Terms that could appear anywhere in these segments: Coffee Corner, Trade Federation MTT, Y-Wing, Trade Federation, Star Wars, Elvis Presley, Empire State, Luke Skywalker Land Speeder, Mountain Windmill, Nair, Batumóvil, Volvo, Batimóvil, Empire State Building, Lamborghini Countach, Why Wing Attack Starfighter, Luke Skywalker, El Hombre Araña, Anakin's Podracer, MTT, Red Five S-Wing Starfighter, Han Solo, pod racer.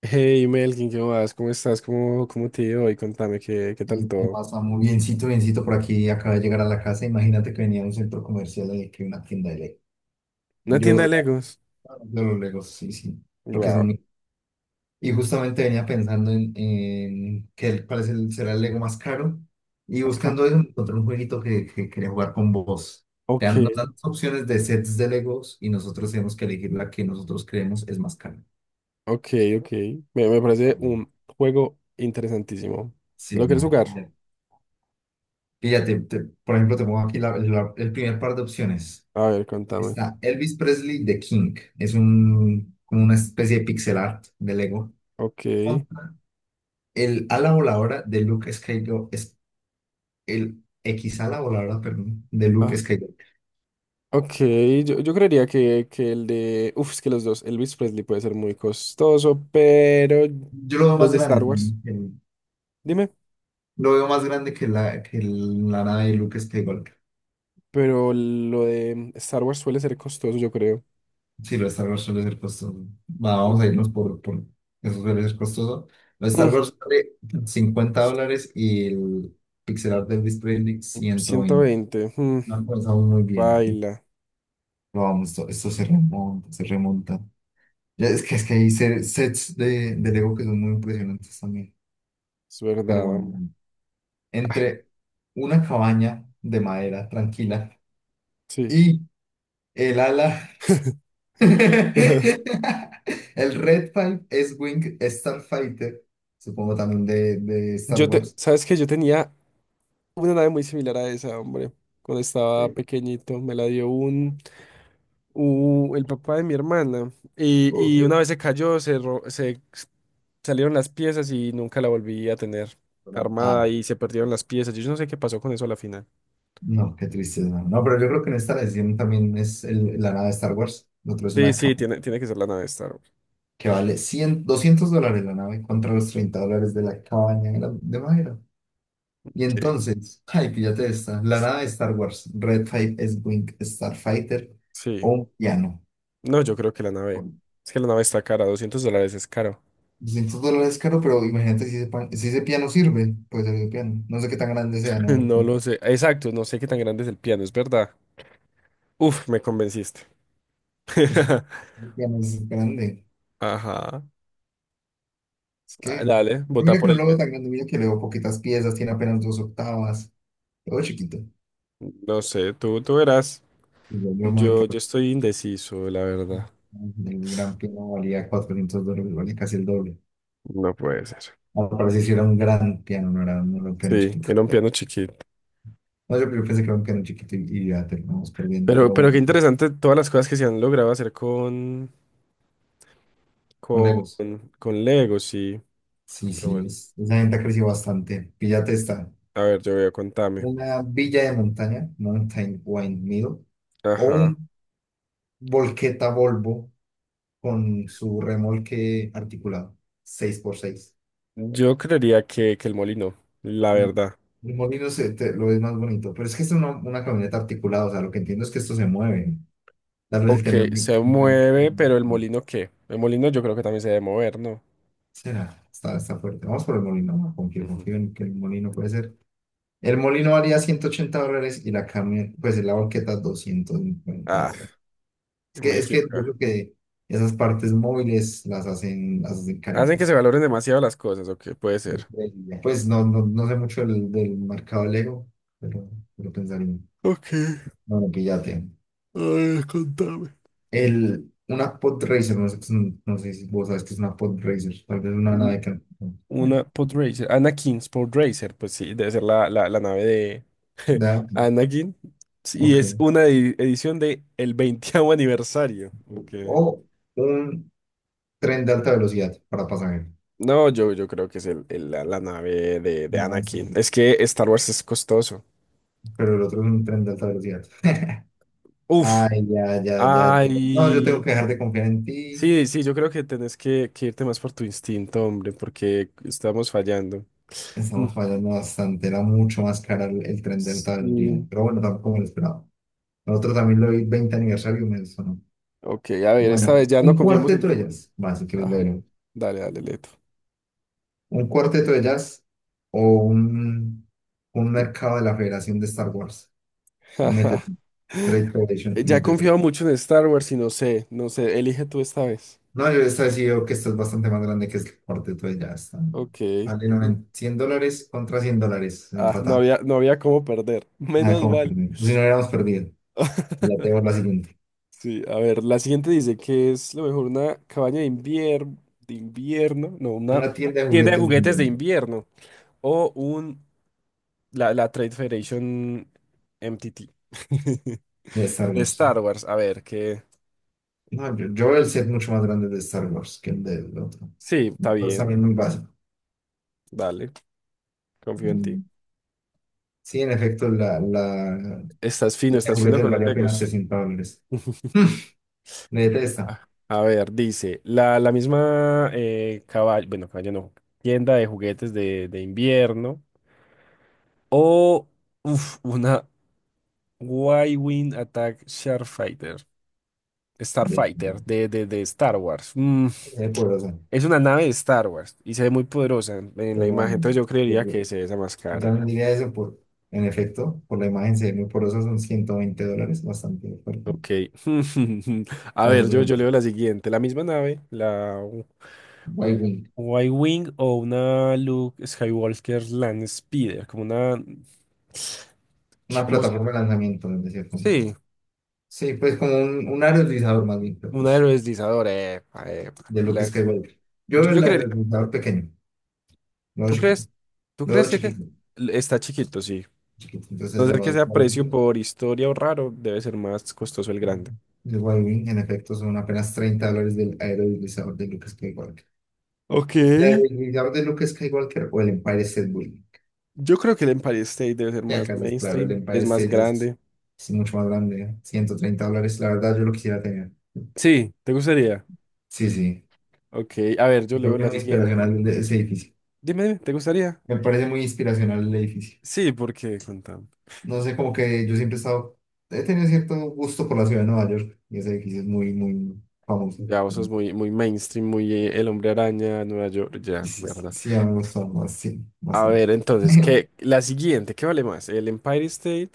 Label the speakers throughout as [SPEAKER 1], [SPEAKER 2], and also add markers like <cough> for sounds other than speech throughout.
[SPEAKER 1] Hey Melkin, ¿qué más? ¿Cómo estás? ¿Cómo te ha ido hoy? Contame, ¿qué tal
[SPEAKER 2] Ey, ¿qué
[SPEAKER 1] todo?
[SPEAKER 2] pasa? Muy biencito, biencito por aquí. Acaba de llegar a la casa. Imagínate que venía a un centro comercial en que una tienda de Lego. Y
[SPEAKER 1] ¿Una tienda de
[SPEAKER 2] Yo,
[SPEAKER 1] Legos?
[SPEAKER 2] de los Legos, sí, sí. Lo que son.
[SPEAKER 1] Wow.
[SPEAKER 2] Y justamente venía pensando en cuál es será el Lego más caro. Y
[SPEAKER 1] Ajá.
[SPEAKER 2] buscando eso, encontré un jueguito que quería jugar con vos.
[SPEAKER 1] Ok,
[SPEAKER 2] Nos dan dos opciones de sets de Legos y nosotros tenemos que elegir la que nosotros creemos es más cara.
[SPEAKER 1] ok, ok. Me parece
[SPEAKER 2] Ah,
[SPEAKER 1] un juego interesantísimo.
[SPEAKER 2] sí,
[SPEAKER 1] ¿Lo
[SPEAKER 2] sí.
[SPEAKER 1] quieres jugar?
[SPEAKER 2] Ya. Fíjate, por ejemplo, te pongo aquí el primer par de opciones.
[SPEAKER 1] A ver, contame.
[SPEAKER 2] Está Elvis Presley The King. Es un, como una especie de pixel art de Lego.
[SPEAKER 1] Ok.
[SPEAKER 2] El ala voladora de Luke Skywalker es el X ala voladora, perdón, de Luke
[SPEAKER 1] Ah,
[SPEAKER 2] Skywalker.
[SPEAKER 1] ok, yo creería que el de... Uf, es que los dos. Elvis Presley puede ser muy costoso, pero...
[SPEAKER 2] Yo lo veo
[SPEAKER 1] Los
[SPEAKER 2] más
[SPEAKER 1] de Star
[SPEAKER 2] grande
[SPEAKER 1] Wars.
[SPEAKER 2] también.
[SPEAKER 1] Dime.
[SPEAKER 2] Lo veo más grande la nave de Luke Skywalker.
[SPEAKER 1] Pero lo de Star Wars suele ser costoso, yo creo.
[SPEAKER 2] Sí, lo de Star Wars suele ser costoso. Va, vamos
[SPEAKER 1] Es-
[SPEAKER 2] a irnos por eso suele ser costoso. Lo de Star
[SPEAKER 1] Mm,
[SPEAKER 2] Wars vale $50 y el pixel art de Elvis Presley 120.
[SPEAKER 1] 120.
[SPEAKER 2] No alcanzamos muy bien.
[SPEAKER 1] Baila,
[SPEAKER 2] Pero vamos, esto se remonta, se remonta. Ya, es que hay sets de Lego que son muy impresionantes también.
[SPEAKER 1] es
[SPEAKER 2] Pero
[SPEAKER 1] verdad,
[SPEAKER 2] bueno,
[SPEAKER 1] hombre.
[SPEAKER 2] entre una cabaña de madera tranquila
[SPEAKER 1] Sí.
[SPEAKER 2] y el ala,
[SPEAKER 1] <laughs>
[SPEAKER 2] <laughs> el Red Five S-Wing Starfighter, supongo también de Star
[SPEAKER 1] Yo te,
[SPEAKER 2] Wars.
[SPEAKER 1] ¿sabes qué? Yo tenía una nave muy similar a esa, hombre. Cuando estaba
[SPEAKER 2] Sí,
[SPEAKER 1] pequeñito, me la dio el papá de mi hermana. Y una
[SPEAKER 2] ok.
[SPEAKER 1] vez se cayó, se salieron las piezas y nunca la volví a tener
[SPEAKER 2] Ah,
[SPEAKER 1] armada y se perdieron las piezas. Yo no sé qué pasó con eso a la final.
[SPEAKER 2] no, qué tristeza. No, pero yo creo que en esta la decisión también es la nave de Star Wars. Lo otro es
[SPEAKER 1] Sí,
[SPEAKER 2] una
[SPEAKER 1] sí,
[SPEAKER 2] cabaña.
[SPEAKER 1] tiene que ser la nave Star Wars.
[SPEAKER 2] Que vale 100 200 dólares la nave contra los $30 de la cabaña de madera. Y
[SPEAKER 1] Sí.
[SPEAKER 2] entonces, ay, píllate esta, la nave de Star Wars, Red 5 S-Wing Starfighter o
[SPEAKER 1] Sí.
[SPEAKER 2] un piano.
[SPEAKER 1] No, yo creo que la nave. Es que la nave está cara, $200 es caro.
[SPEAKER 2] $200 caro, pero imagínate si ese, si ese piano sirve, puede ser el piano. No sé qué tan grande sea,
[SPEAKER 1] <laughs>
[SPEAKER 2] ¿no?
[SPEAKER 1] No lo sé. Exacto, no sé qué tan grande es el piano, es verdad. Uf, me convenciste. <laughs>
[SPEAKER 2] Es que el piano es grande.
[SPEAKER 1] Ajá.
[SPEAKER 2] Es
[SPEAKER 1] Ah,
[SPEAKER 2] que,
[SPEAKER 1] dale,
[SPEAKER 2] pero
[SPEAKER 1] vota
[SPEAKER 2] mira que
[SPEAKER 1] por
[SPEAKER 2] no
[SPEAKER 1] el
[SPEAKER 2] lo veo
[SPEAKER 1] piano.
[SPEAKER 2] tan grande, mira que le veo poquitas piezas, tiene apenas dos octavas, lo veo chiquito.
[SPEAKER 1] No sé, tú verás.
[SPEAKER 2] Y yo me voy
[SPEAKER 1] Yo
[SPEAKER 2] por
[SPEAKER 1] estoy indeciso, la verdad.
[SPEAKER 2] el gran piano valía $400, valía casi el doble.
[SPEAKER 1] No puede ser.
[SPEAKER 2] Ahora parece que era un gran piano, no era, no era un piano
[SPEAKER 1] Sí,
[SPEAKER 2] chiquito.
[SPEAKER 1] era un piano chiquito.
[SPEAKER 2] No, yo pensé que era un piano chiquito y ya terminamos perdiendo, pero
[SPEAKER 1] Pero
[SPEAKER 2] bueno,
[SPEAKER 1] qué interesante todas las cosas que se han logrado hacer
[SPEAKER 2] con Legos.
[SPEAKER 1] con Lego, sí.
[SPEAKER 2] Sí,
[SPEAKER 1] Pero
[SPEAKER 2] sí,
[SPEAKER 1] bueno,
[SPEAKER 2] esa gente ha crecido bastante. Píllate esta,
[SPEAKER 1] a ver, yo voy a contarme.
[SPEAKER 2] una villa de montaña, Mountain Windmill, o
[SPEAKER 1] Ajá.
[SPEAKER 2] un volqueta Volvo con su remolque articulado, seis por seis.
[SPEAKER 1] Yo creería que el molino, la
[SPEAKER 2] El
[SPEAKER 1] verdad.
[SPEAKER 2] el molino lo es más bonito, pero es que es una camioneta articulada, o sea, lo que entiendo es que esto se mueve. Tal vez el
[SPEAKER 1] Ok,
[SPEAKER 2] tener un-
[SPEAKER 1] se mueve,
[SPEAKER 2] un
[SPEAKER 1] pero el molino ¿qué? El molino yo creo que también se debe mover, ¿no?
[SPEAKER 2] Será, está fuerte. Vamos por el molino, confío,
[SPEAKER 1] Ujú.
[SPEAKER 2] confío en que el molino puede ser. El molino valía $180 y la carne, pues la banqueta 250
[SPEAKER 1] Ah,
[SPEAKER 2] dólares. Es
[SPEAKER 1] me
[SPEAKER 2] que, es que yo
[SPEAKER 1] equivoqué.
[SPEAKER 2] creo que esas partes móviles las hacen
[SPEAKER 1] Hacen que se
[SPEAKER 2] caritas.
[SPEAKER 1] valoren demasiado las cosas, ok, puede
[SPEAKER 2] Yo
[SPEAKER 1] ser.
[SPEAKER 2] creería. Pues no, no, no sé mucho del mercado Lego, pero, pero pensaría.
[SPEAKER 1] Ok, a
[SPEAKER 2] Bueno, píllate.
[SPEAKER 1] ver, contame.
[SPEAKER 2] El, una pod racer no sé, no sé si vos sabes que es una pod racer tal vez una
[SPEAKER 1] Un-
[SPEAKER 2] nave que... eh,
[SPEAKER 1] una Podracer, Anakin's Podracer, pues sí, debe ser la, la nave de <laughs>
[SPEAKER 2] Da,
[SPEAKER 1] Anakin. Sí, y es
[SPEAKER 2] ok.
[SPEAKER 1] una edición de el veintiavo aniversario. Ok.
[SPEAKER 2] O un tren de alta velocidad para pasajeros.
[SPEAKER 1] No, yo creo que es la, la nave de
[SPEAKER 2] No, en
[SPEAKER 1] Anakin.
[SPEAKER 2] serio.
[SPEAKER 1] Es que Star Wars es costoso.
[SPEAKER 2] Pero el otro es un tren de alta velocidad.
[SPEAKER 1] Uf.
[SPEAKER 2] Ay, ya, ya, ya, ya. No, yo tengo
[SPEAKER 1] Ay,
[SPEAKER 2] que dejar de confiar en ti.
[SPEAKER 1] sí, sí, yo creo que tenés que irte más por tu instinto, hombre, porque estamos fallando. Mm.
[SPEAKER 2] Estamos fallando bastante. Era mucho más cara el tren de alta velocidad.
[SPEAKER 1] Sí.
[SPEAKER 2] Pero bueno, tampoco me lo esperaba. El otro también lo vi 20 aniversario y me sonó.
[SPEAKER 1] Ok, a ver, esta
[SPEAKER 2] Bueno,
[SPEAKER 1] vez ya no
[SPEAKER 2] un
[SPEAKER 1] confiemos
[SPEAKER 2] cuarteto
[SPEAKER 1] en...
[SPEAKER 2] de jazz. Va, si quieres
[SPEAKER 1] Ajá,
[SPEAKER 2] leerlo.
[SPEAKER 1] dale, dale, Leto.
[SPEAKER 2] Un cuarteto de jazz o un mercado de la Federación de Star Wars.
[SPEAKER 1] Ajá.
[SPEAKER 2] MTT. Trade
[SPEAKER 1] <laughs>
[SPEAKER 2] Federation.
[SPEAKER 1] Ya he
[SPEAKER 2] MTT.
[SPEAKER 1] confiado mucho en Star Wars y no sé, no sé, elige tú esta vez.
[SPEAKER 2] No, yo esta vez sí veo que esta es bastante más grande que el corte, entonces ya están.
[SPEAKER 1] Ok.
[SPEAKER 2] Vale, no, en $100 contra $100,
[SPEAKER 1] Ah, no
[SPEAKER 2] empatado.
[SPEAKER 1] había, no había cómo perder.
[SPEAKER 2] Nada,
[SPEAKER 1] Menos
[SPEAKER 2] como
[SPEAKER 1] mal.
[SPEAKER 2] perdido. Si no hubiéramos perdido, ya te veo la
[SPEAKER 1] <laughs>
[SPEAKER 2] siguiente.
[SPEAKER 1] Sí, a ver, la siguiente dice que es lo mejor una cabaña de invierno, no, una
[SPEAKER 2] Una tienda de
[SPEAKER 1] tienda de
[SPEAKER 2] juguetes de
[SPEAKER 1] juguetes de invierno o un la, la Trade Federation MTT <laughs>
[SPEAKER 2] de Star
[SPEAKER 1] de
[SPEAKER 2] Wars.
[SPEAKER 1] Star Wars. A ver, que
[SPEAKER 2] No, yo veo el set mucho más grande de Star Wars que el del otro.
[SPEAKER 1] sí, está
[SPEAKER 2] Entonces
[SPEAKER 1] bien,
[SPEAKER 2] también muy básico.
[SPEAKER 1] dale, confío en ti.
[SPEAKER 2] Mm, Sí, en efecto, tienda de
[SPEAKER 1] Estás fino
[SPEAKER 2] juguetes
[SPEAKER 1] con los
[SPEAKER 2] valía apenas
[SPEAKER 1] Legos.
[SPEAKER 2] $60. Mm, Me detesta.
[SPEAKER 1] Ah, a ver, dice la, la misma cabaña, bueno, cabaña no, tienda de juguetes de invierno o uf, una Why Wing Attack Starfighter.
[SPEAKER 2] De,
[SPEAKER 1] Starfighter de Star Wars. Mm,
[SPEAKER 2] de poderosa.
[SPEAKER 1] es una nave de Star Wars y se ve muy poderosa en
[SPEAKER 2] Qué
[SPEAKER 1] la imagen,
[SPEAKER 2] grande.
[SPEAKER 1] entonces yo creería que es esa más
[SPEAKER 2] Yo
[SPEAKER 1] cara.
[SPEAKER 2] también diría eso por, en efecto, por la imagen se ve muy porosa, son $120, bastante fuerte.
[SPEAKER 1] Ok. <laughs> A
[SPEAKER 2] Así
[SPEAKER 1] ver,
[SPEAKER 2] que,
[SPEAKER 1] yo leo la siguiente. La misma nave, w-
[SPEAKER 2] Wing,
[SPEAKER 1] Y-Wing o una Luke Skywalker Land Speeder, como una,
[SPEAKER 2] una
[SPEAKER 1] digamos,
[SPEAKER 2] plataforma de lanzamiento, de cierto modo.
[SPEAKER 1] sí,
[SPEAKER 2] Sí, pues como un área más bien, creo que
[SPEAKER 1] una
[SPEAKER 2] es,
[SPEAKER 1] aerodeslizadora. Epa, epa,
[SPEAKER 2] de lo que es
[SPEAKER 1] Land Speeder.
[SPEAKER 2] Skywalker. Yo
[SPEAKER 1] Yo,
[SPEAKER 2] veo
[SPEAKER 1] yo
[SPEAKER 2] el
[SPEAKER 1] creería.
[SPEAKER 2] área pequeño, luego
[SPEAKER 1] ¿Tú
[SPEAKER 2] chiquito,
[SPEAKER 1] crees? ¿Tú
[SPEAKER 2] luego
[SPEAKER 1] crees que, qué?
[SPEAKER 2] chiquito,
[SPEAKER 1] Está chiquito, sí.
[SPEAKER 2] chiquito.
[SPEAKER 1] A
[SPEAKER 2] Entonces
[SPEAKER 1] no
[SPEAKER 2] eso
[SPEAKER 1] ser
[SPEAKER 2] lo
[SPEAKER 1] que
[SPEAKER 2] hace
[SPEAKER 1] sea precio
[SPEAKER 2] Wing.
[SPEAKER 1] por historia o raro, debe ser más costoso el grande.
[SPEAKER 2] El Wing, en efecto, son apenas $30 del aero de Luke Skywalker.
[SPEAKER 1] Ok.
[SPEAKER 2] El aero de Luke Skywalker o el Empire State Building.
[SPEAKER 1] Yo creo que el Empire State debe ser
[SPEAKER 2] Y
[SPEAKER 1] más
[SPEAKER 2] acá es claro, el
[SPEAKER 1] mainstream,
[SPEAKER 2] Empire
[SPEAKER 1] es más
[SPEAKER 2] State es,
[SPEAKER 1] grande.
[SPEAKER 2] es mucho más grande, $130, la verdad yo lo quisiera tener.
[SPEAKER 1] Sí, ¿te gustaría?
[SPEAKER 2] Sí, sí,
[SPEAKER 1] Ok, a ver, yo
[SPEAKER 2] creo
[SPEAKER 1] leo
[SPEAKER 2] que es
[SPEAKER 1] la
[SPEAKER 2] muy inspiracional
[SPEAKER 1] siguiente.
[SPEAKER 2] ese edificio.
[SPEAKER 1] Dime, dime, ¿te gustaría?
[SPEAKER 2] Me parece muy inspiracional el edificio.
[SPEAKER 1] Sí, porque contame.
[SPEAKER 2] No sé, como que yo siempre he estado, he tenido cierto gusto por la ciudad de Nueva York y ese edificio es muy, muy famoso.
[SPEAKER 1] Ya, vos sos muy, muy mainstream, muy El Hombre Araña, Nueva York,
[SPEAKER 2] Y
[SPEAKER 1] ya,
[SPEAKER 2] sí, sí,
[SPEAKER 1] verdad.
[SPEAKER 2] sí, a mí me gusta más, sí,
[SPEAKER 1] A
[SPEAKER 2] bastante.
[SPEAKER 1] ver, entonces, ¿qué?
[SPEAKER 2] <laughs>
[SPEAKER 1] La siguiente, ¿qué vale más? ¿El Empire State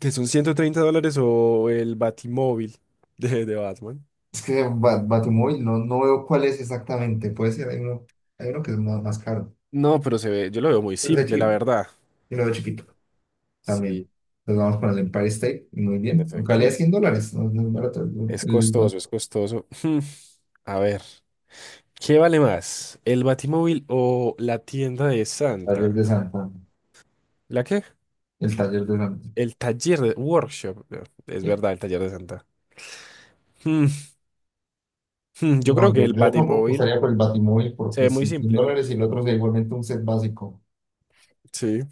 [SPEAKER 1] que son 130 dólares o el Batimóvil <laughs> de Batman?
[SPEAKER 2] Es que Batumóvil no, no veo cuál es exactamente, puede ser, hay uno que es más, más caro,
[SPEAKER 1] No, pero se ve, yo lo veo muy
[SPEAKER 2] pero es
[SPEAKER 1] simple, la
[SPEAKER 2] chiquito,
[SPEAKER 1] verdad.
[SPEAKER 2] yo lo veo chiquito.
[SPEAKER 1] Sí,
[SPEAKER 2] También. Nos vamos con el Empire State. Muy
[SPEAKER 1] en
[SPEAKER 2] bien. Aunque valía
[SPEAKER 1] efecto.
[SPEAKER 2] $100. No es muy barato. El,
[SPEAKER 1] Es
[SPEAKER 2] el
[SPEAKER 1] costoso, es costoso. <laughs> Hmm, a ver, ¿qué vale más? ¿El Batimóvil o la tienda de
[SPEAKER 2] taller
[SPEAKER 1] Santa?
[SPEAKER 2] de San Juan.
[SPEAKER 1] ¿La qué?
[SPEAKER 2] El taller de San Juan.
[SPEAKER 1] El taller de workshop. No, es
[SPEAKER 2] Sí.
[SPEAKER 1] verdad, el taller de Santa. <laughs> Hmm, Yo creo
[SPEAKER 2] No,
[SPEAKER 1] que
[SPEAKER 2] yo,
[SPEAKER 1] el
[SPEAKER 2] yo tampoco
[SPEAKER 1] Batimóvil
[SPEAKER 2] estaría por el Batimóvil
[SPEAKER 1] se
[SPEAKER 2] porque
[SPEAKER 1] ve muy
[SPEAKER 2] si 100
[SPEAKER 1] simple, ¿no?
[SPEAKER 2] dólares y el otro sería igualmente un set básico.
[SPEAKER 1] Sí.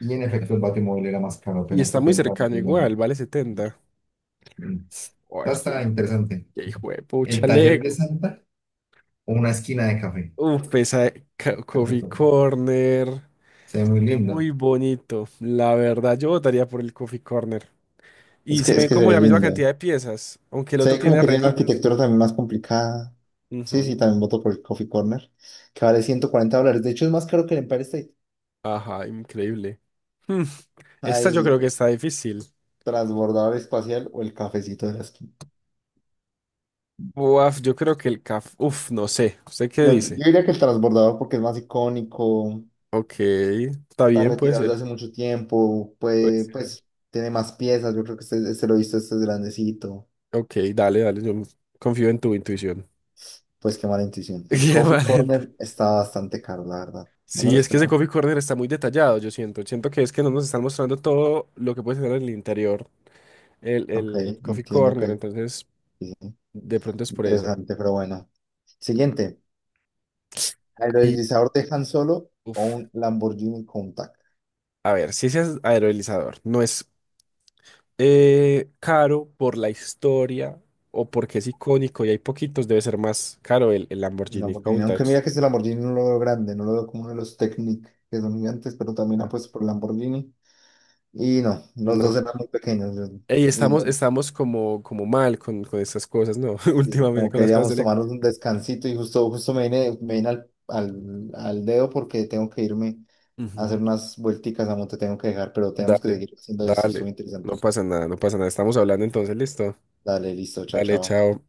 [SPEAKER 2] Y en efecto el Batimóvil era más caro,
[SPEAKER 1] Y
[SPEAKER 2] apenas
[SPEAKER 1] está muy
[SPEAKER 2] 70
[SPEAKER 1] cercano
[SPEAKER 2] dólares.
[SPEAKER 1] igual, vale 70.
[SPEAKER 2] Mm. Está,
[SPEAKER 1] Ay,
[SPEAKER 2] está interesante.
[SPEAKER 1] qué hijo de
[SPEAKER 2] El
[SPEAKER 1] pucha,
[SPEAKER 2] taller de
[SPEAKER 1] Lego.
[SPEAKER 2] Santa o una esquina de café.
[SPEAKER 1] Uf, esa ca- Coffee
[SPEAKER 2] Perfecto.
[SPEAKER 1] Corner.
[SPEAKER 2] Se ve muy
[SPEAKER 1] Se ve
[SPEAKER 2] lindo.
[SPEAKER 1] muy bonito. La verdad, yo votaría por el Coffee Corner.
[SPEAKER 2] Es
[SPEAKER 1] Y
[SPEAKER 2] que,
[SPEAKER 1] se
[SPEAKER 2] es
[SPEAKER 1] ven
[SPEAKER 2] que se
[SPEAKER 1] como
[SPEAKER 2] ve
[SPEAKER 1] la misma cantidad
[SPEAKER 2] lindo.
[SPEAKER 1] de piezas, aunque el
[SPEAKER 2] Se
[SPEAKER 1] otro
[SPEAKER 2] ve como
[SPEAKER 1] tiene
[SPEAKER 2] que tiene una
[SPEAKER 1] renitos.
[SPEAKER 2] arquitectura también más complicada. Sí, sí,
[SPEAKER 1] Ujú.
[SPEAKER 2] también voto por el Coffee Corner, que vale $140. De hecho, es más caro que el Empire State.
[SPEAKER 1] Ajá, increíble. Hmm, esta yo
[SPEAKER 2] Hay
[SPEAKER 1] creo que
[SPEAKER 2] el
[SPEAKER 1] está difícil.
[SPEAKER 2] transbordador espacial o el cafecito de la esquina.
[SPEAKER 1] Buaf, yo creo que el caf. Uf, no sé. ¿Usted qué
[SPEAKER 2] No, yo
[SPEAKER 1] dice?
[SPEAKER 2] yo diría que el transbordador porque es más icónico,
[SPEAKER 1] Ok, está
[SPEAKER 2] está
[SPEAKER 1] bien, puede
[SPEAKER 2] retirado desde
[SPEAKER 1] ser.
[SPEAKER 2] hace mucho tiempo,
[SPEAKER 1] Puede
[SPEAKER 2] puede,
[SPEAKER 1] ser.
[SPEAKER 2] pues tiene más piezas. Yo creo que este lo he visto, este es grandecito.
[SPEAKER 1] Ok, dale, dale. Yo confío en tu intuición.
[SPEAKER 2] Pues qué mala intuición.
[SPEAKER 1] <laughs>
[SPEAKER 2] El
[SPEAKER 1] Qué
[SPEAKER 2] Coffee
[SPEAKER 1] mal.
[SPEAKER 2] Corner está bastante caro, la verdad. No me lo
[SPEAKER 1] Sí, es que ese
[SPEAKER 2] esperaba.
[SPEAKER 1] coffee corner está muy detallado, yo siento. Siento que es que no nos están mostrando todo lo que puede tener en el interior
[SPEAKER 2] Ok,
[SPEAKER 1] el coffee
[SPEAKER 2] entiendo
[SPEAKER 1] corner,
[SPEAKER 2] que
[SPEAKER 1] entonces
[SPEAKER 2] sí,
[SPEAKER 1] de pronto es por eso.
[SPEAKER 2] interesante, pero bueno. Siguiente.
[SPEAKER 1] Ay,
[SPEAKER 2] Aerodislizador de Han Solo o
[SPEAKER 1] uf.
[SPEAKER 2] un Lamborghini Countach.
[SPEAKER 1] A ver, si ese es aerolizador, no es caro por la historia o porque es icónico y hay poquitos, debe ser más caro el
[SPEAKER 2] Un
[SPEAKER 1] Lamborghini
[SPEAKER 2] Lamborghini, aunque
[SPEAKER 1] Countach.
[SPEAKER 2] mira que ese Lamborghini no lo veo grande, no lo veo como uno de los Technic que son gigantes, pero también
[SPEAKER 1] Ah,
[SPEAKER 2] apuesto por Lamborghini. Y no, los
[SPEAKER 1] no.
[SPEAKER 2] dos eran muy pequeños.
[SPEAKER 1] Ey,
[SPEAKER 2] Y
[SPEAKER 1] estamos, estamos como, como mal con estas cosas, ¿no? <laughs>
[SPEAKER 2] es
[SPEAKER 1] Últimamente
[SPEAKER 2] como
[SPEAKER 1] con
[SPEAKER 2] que
[SPEAKER 1] las cosas de
[SPEAKER 2] queríamos
[SPEAKER 1] Lego.
[SPEAKER 2] tomarnos un descansito y justo me vine al dedo porque tengo que irme a hacer
[SPEAKER 1] Ujú.
[SPEAKER 2] unas vuelticas, amo, te tengo que dejar, pero tenemos que
[SPEAKER 1] Dale,
[SPEAKER 2] seguir haciendo esto, estuvo
[SPEAKER 1] dale. No
[SPEAKER 2] interesante.
[SPEAKER 1] pasa nada, no pasa nada. Estamos hablando entonces, listo.
[SPEAKER 2] Dale, listo, chao,
[SPEAKER 1] Dale,
[SPEAKER 2] chao.
[SPEAKER 1] chao.